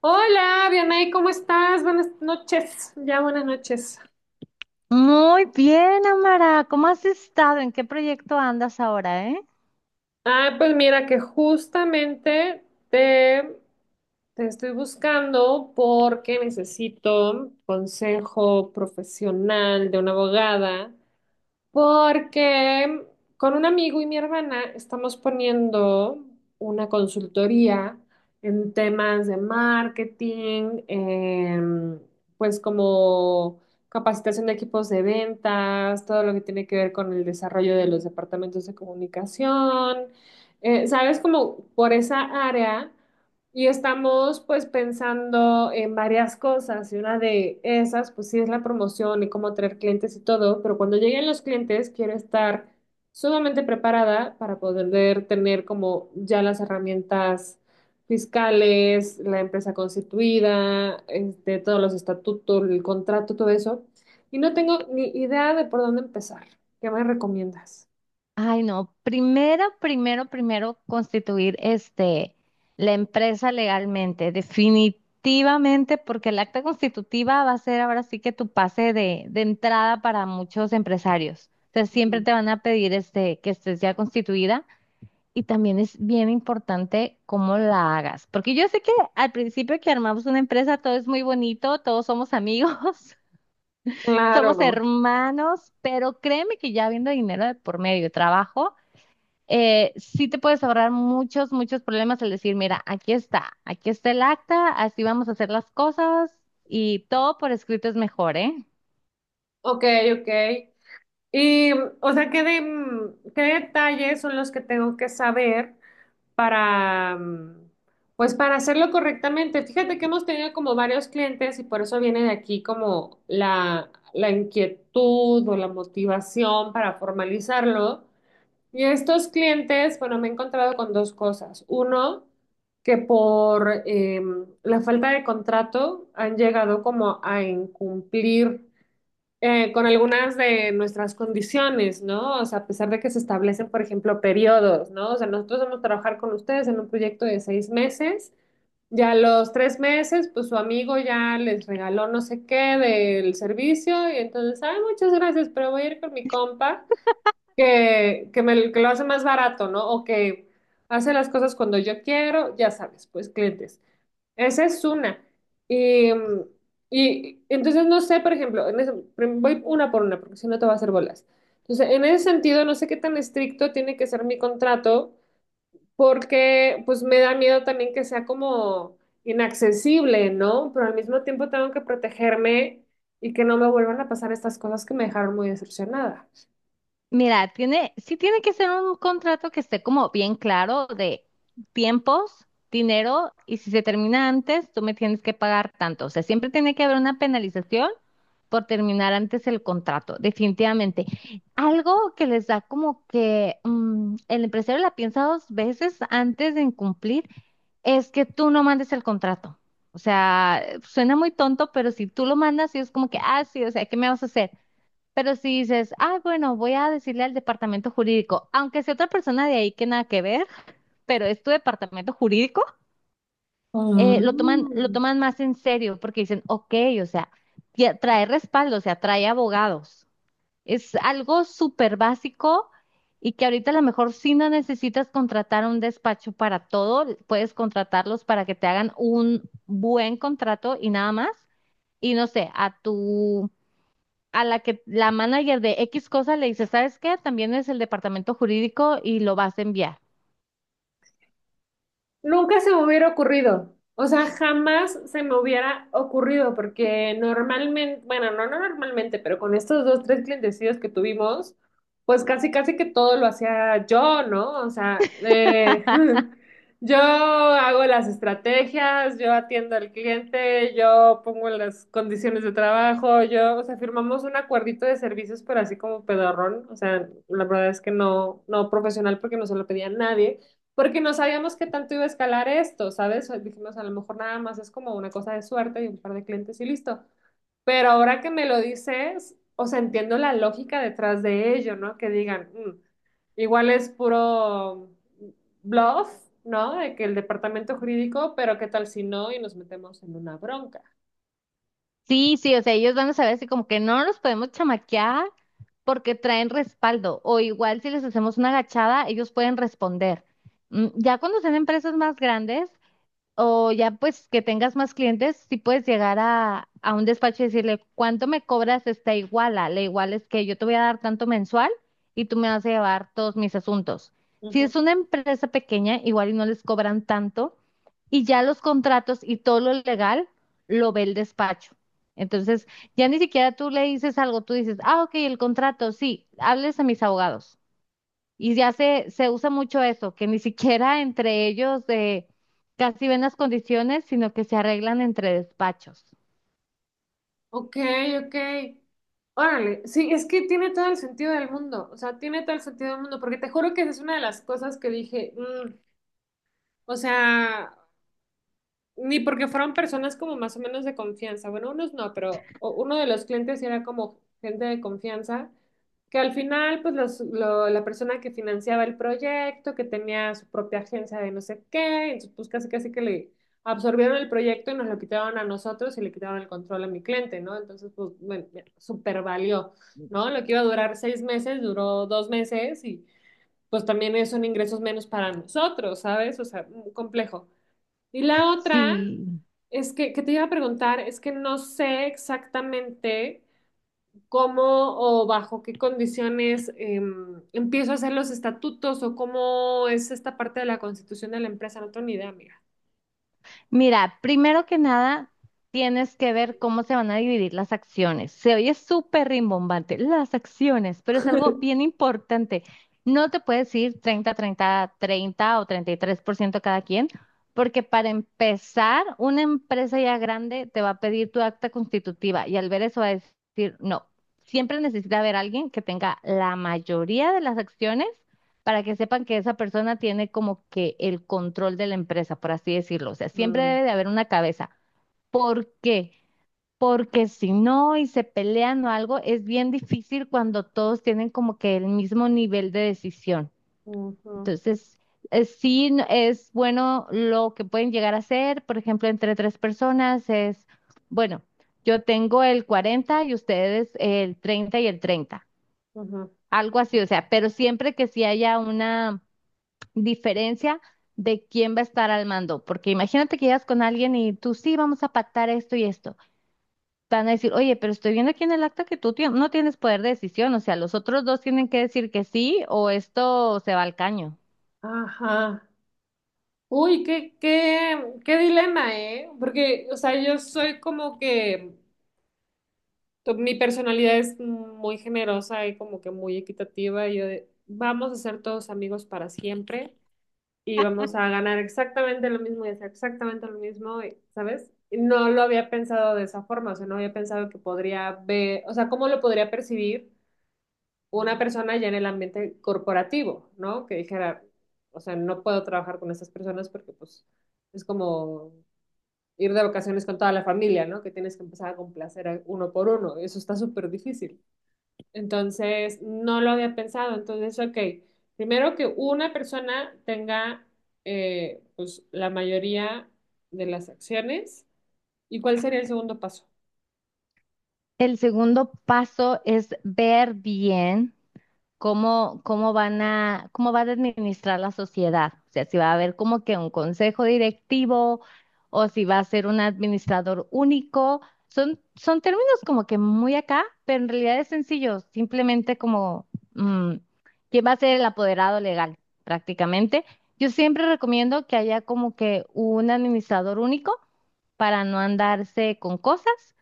Hola, Dianay, ¿cómo estás? Buenas noches, ya buenas noches. Muy bien, Amara. ¿Cómo has estado? ¿En qué proyecto andas ahora, eh? Ah, pues mira que justamente te, te estoy buscando porque necesito consejo profesional de una abogada. Porque con un amigo y mi hermana estamos poniendo una consultoría en temas de marketing, pues como capacitación de equipos de ventas, todo lo que tiene que ver con el desarrollo de los departamentos de comunicación. ¿Sabes? Como por esa área. Y estamos pues pensando en varias cosas y una de esas pues sí es la promoción y cómo traer clientes y todo, pero cuando lleguen los clientes quiero estar sumamente preparada para poder tener como ya las herramientas fiscales, la empresa constituida, este, todos los estatutos, el contrato, todo eso. Y no tengo ni idea de por dónde empezar. ¿Qué me recomiendas? Ay, no. Primero, primero, primero constituir la empresa legalmente, definitivamente, porque el acta constitutiva va a ser ahora sí que tu pase de entrada para muchos empresarios. Entonces siempre Ujú. te van a pedir que estés ya constituida. Y también es bien importante cómo la hagas, porque yo sé que al principio que armamos una empresa todo es muy bonito, todos somos amigos, somos Claro, hermanos, pero créeme que ya habiendo dinero de por medio de trabajo, sí te puedes ahorrar muchos, muchos problemas al decir, mira, aquí está el acta, así vamos a hacer las cosas y todo por escrito es mejor, ¿eh? ok, ok. Y, o sea, ¿qué detalles son los que tengo que saber para, pues, para hacerlo correctamente? Fíjate que hemos tenido como varios clientes y por eso viene de aquí como la inquietud o la motivación para formalizarlo. Y estos clientes, bueno, me he encontrado con dos cosas. Uno, que por la falta de contrato han llegado como a incumplir con algunas de nuestras condiciones, ¿no? O sea, a pesar de que se establecen, por ejemplo, periodos, ¿no? O sea, nosotros vamos a trabajar con ustedes en un proyecto de 6 meses. Ya a los 3 meses, pues su amigo ya les regaló no sé qué del servicio y entonces, ay, muchas gracias, pero voy a ir con mi compa que lo hace más barato, ¿no? O que hace las cosas cuando yo quiero, ya sabes, pues clientes. Esa es una. Y, y entonces no sé, por ejemplo, voy una por una, porque si no te va a hacer bolas. Entonces, en ese sentido, no sé qué tan estricto tiene que ser mi contrato, porque pues me da miedo también que sea como inaccesible, ¿no? Pero al mismo tiempo tengo que protegerme y que no me vuelvan a pasar estas cosas que me dejaron muy decepcionada. Mira, sí tiene que ser un contrato que esté como bien claro de tiempos, dinero, y si se termina antes, tú me tienes que pagar tanto. O sea, siempre tiene que haber una penalización por terminar antes el contrato, definitivamente. Algo que les da como que el empresario la piensa dos veces antes de incumplir es que tú no mandes el contrato. O sea, suena muy tonto, pero si tú lo mandas, y es como que, ah, sí, o sea, ¿qué me vas a hacer? Pero si dices, ah, bueno, voy a decirle al departamento jurídico, aunque sea otra persona de ahí que nada que ver, pero es tu departamento jurídico, Ah. lo toman más en serio porque dicen, ok, o sea, ya trae respaldo, o sea, trae abogados. Es algo súper básico y que ahorita a lo mejor si no necesitas contratar un despacho para todo, puedes contratarlos para que te hagan un buen contrato y nada más. Y no sé, a la que la manager de X cosa le dice, ¿sabes qué? También es el departamento jurídico y lo vas a enviar. Nunca se me hubiera ocurrido. O sea, jamás se me hubiera ocurrido porque normalmente, bueno, no normalmente, pero con estos dos, tres clientecidos que tuvimos, pues casi, casi que todo lo hacía yo, ¿no? O sea, yo hago las estrategias, yo atiendo al cliente, yo pongo las condiciones de trabajo, yo, o sea, firmamos un acuerdito de servicios, pero así como pedorrón. O sea, la verdad es que no profesional porque no se lo pedía a nadie porque no sabíamos qué tanto iba a escalar esto, ¿sabes? Dijimos, a lo mejor nada más es como una cosa de suerte y un par de clientes y listo. Pero ahora que me lo dices, o sea, entiendo la lógica detrás de ello, ¿no? Que digan, "Mm, igual es puro bluff, ¿no? De que el departamento jurídico, pero qué tal si no y nos metemos en una bronca". Sí, sí, o sea, ellos van a saber así como que no nos podemos chamaquear porque traen respaldo o igual si les hacemos una agachada, ellos pueden responder. Mm, ya cuando sean empresas más grandes, o ya pues que tengas más clientes, si puedes llegar a un despacho y decirle, ¿cuánto me cobras esta iguala? La iguala es que yo te voy a dar tanto mensual y tú me vas a llevar todos mis asuntos. Si Ujú. es una empresa pequeña, igual y no les cobran tanto y ya los contratos y todo lo legal lo ve el despacho. Entonces, ya ni siquiera tú le dices algo, tú dices, ah, ok, el contrato, sí, hables a mis abogados. Y ya se usa mucho eso, que ni siquiera entre ellos casi ven las condiciones, sino que se arreglan entre despachos. Ok, ok. Órale, sí, es que tiene todo el sentido del mundo, o sea, tiene todo el sentido del mundo, porque te juro que esa es una de las cosas que dije, "Mm, o sea, ni porque fueron personas como más o menos de confianza". Bueno, unos no, pero uno de los clientes sí era como gente de confianza, que al final, pues la persona que financiaba el proyecto, que tenía su propia agencia de no sé qué, entonces pues casi casi que le absorbieron el proyecto y nos lo quitaron a nosotros y le quitaron el control a mi cliente, ¿no? Entonces, pues, bueno, super valió, ¿no? Lo que iba a durar 6 meses, duró 2 meses y pues también son ingresos menos para nosotros, ¿sabes? O sea, mm, complejo. Y la otra Sí, es que te iba a preguntar, es que no sé exactamente cómo o bajo qué condiciones empiezo a hacer los estatutos o cómo es esta parte de la constitución de la empresa. No tengo ni idea, amiga. mira, primero que nada, tienes que ver cómo se van a dividir las acciones. Se oye súper rimbombante, las acciones, pero es algo bien importante. No te puedes ir 30, 30, 30 o 33% cada quien, porque para empezar, una empresa ya grande te va a pedir tu acta constitutiva y al ver eso va a decir, no, siempre necesita haber alguien que tenga la mayoría de las acciones para que sepan que esa persona tiene como que el control de la empresa, por así decirlo. O sea, siempre Mm. debe de haber una cabeza. ¿Por qué? Porque si no y se pelean o algo, es bien difícil cuando todos tienen como que el mismo nivel de decisión. Ujú, Entonces, sí es bueno lo que pueden llegar a hacer, por ejemplo, entre tres personas es, bueno, yo tengo el 40 y ustedes el 30 y el 30, ujú. algo así, o sea, pero siempre que sí haya una diferencia de quién va a estar al mando, porque imagínate que llegas con alguien y tú sí vamos a pactar esto y esto. Van a decir, oye, pero estoy viendo aquí en el acta que no tienes poder de decisión, o sea, los otros dos tienen que decir que sí o esto se va al caño. Ajá. Uy, qué dilema, ¿eh? Porque, o sea, yo soy como que mi personalidad es muy generosa y como que muy equitativa. Y yo de, vamos a ser todos amigos para siempre, y vamos a ganar exactamente lo mismo y hacer exactamente lo mismo, ¿sabes? No lo había pensado de esa forma, o sea, no había pensado que podría ver, o sea, cómo lo podría percibir una persona ya en el ambiente corporativo, ¿no? Que dijera, o sea, no puedo trabajar con estas personas porque pues es como ir de vacaciones con toda la familia, ¿no? Que tienes que empezar a complacer a uno por uno, eso está súper difícil. Entonces, no lo había pensado. Entonces, ok, primero que una persona tenga pues, la mayoría de las acciones. ¿Y cuál sería el segundo paso? El segundo paso es ver bien, cómo va a administrar la sociedad. O sea, si va a haber como que un consejo directivo o si va a ser un administrador único. Son términos como que muy acá, pero en realidad es sencillo, simplemente como mm, quién va a ser el apoderado legal, prácticamente. Yo siempre recomiendo que haya como que un administrador único para no andarse con cosas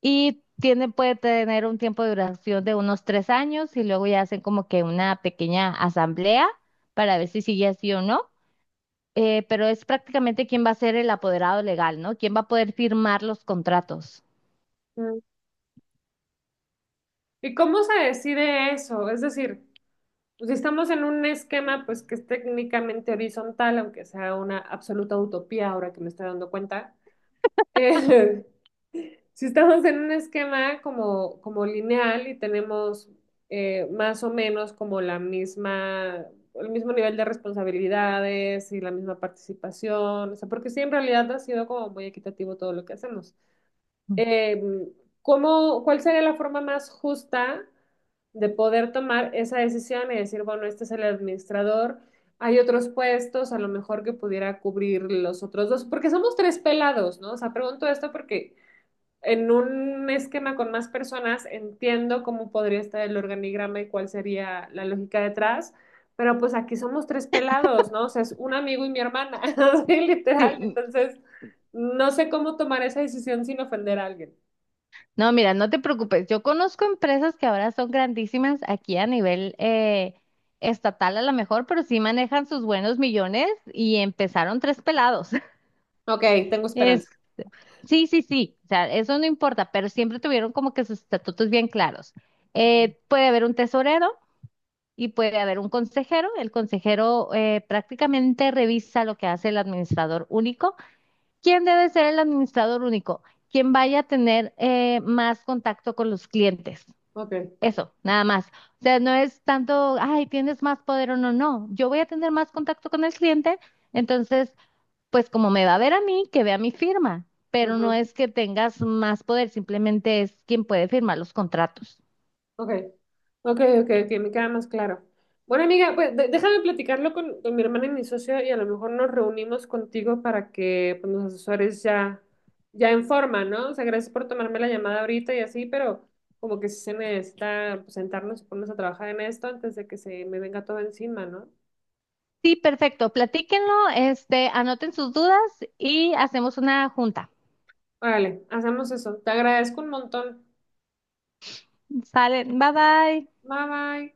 y tiene, puede tener un tiempo de duración de unos 3 años y luego ya hacen como que una pequeña asamblea para ver si sigue así o no. Pero es prácticamente quién va a ser el apoderado legal, ¿no? ¿Quién va a poder firmar los contratos? Mm. ¿Y cómo se decide eso? Es decir, pues, si estamos en un esquema pues, que es técnicamente horizontal, aunque sea una absoluta utopía ahora que me estoy dando cuenta, Eh, si estamos en un esquema como lineal y tenemos más o menos como el mismo nivel de responsabilidades y la misma participación, o sea, porque sí, en realidad ha sido como muy equitativo todo lo que hacemos. Eh, ¿ cuál sería la forma más justa de poder tomar esa decisión y decir, bueno, este es el administrador, hay otros puestos, a lo mejor que pudiera cubrir los otros dos, porque somos tres pelados, ¿no? O sea, pregunto esto porque en un esquema con más personas entiendo cómo podría estar el organigrama y cuál sería la lógica detrás, pero pues aquí somos tres pelados, ¿no? O sea, es un amigo y mi hermana, así literal, Sí, entonces no sé cómo tomar esa decisión sin ofender a alguien. no, mira, no te preocupes. Yo conozco empresas que ahora son grandísimas aquí a nivel estatal a lo mejor, pero sí manejan sus buenos millones y empezaron tres pelados. Ok, tengo esperanza. es Sí, sí, sí, o sea, eso no importa, pero siempre tuvieron como que sus estatutos bien claros. Puede haber un tesorero y puede haber un consejero. El consejero prácticamente revisa lo que hace el administrador único. ¿Quién debe ser el administrador único? Quien vaya a tener más contacto con los clientes. Ok. Eso, nada más. O sea, no es tanto, ay, tienes más poder o no, no. Yo voy a tener más contacto con el cliente, entonces pues como me va a ver a mí, que vea mi firma, pero no Ujú. es que tengas más poder, simplemente es quien puede firmar los contratos. Ok, ok, ok, me queda más claro. Bueno, amiga, pues déjame platicarlo con mi hermana y mi socio y a lo mejor nos reunimos contigo para que pues, los asesores ya, ya en forma, ¿no? O sea, gracias por tomarme la llamada ahorita y así, pero como que sí se necesita pues, sentarnos y ponernos a trabajar en esto antes de que se me venga todo encima, ¿no? Sí, perfecto, platíquenlo, este, anoten sus dudas y hacemos una junta. Órale, hacemos eso. Te agradezco un montón. Salen, bye bye. Bye bye.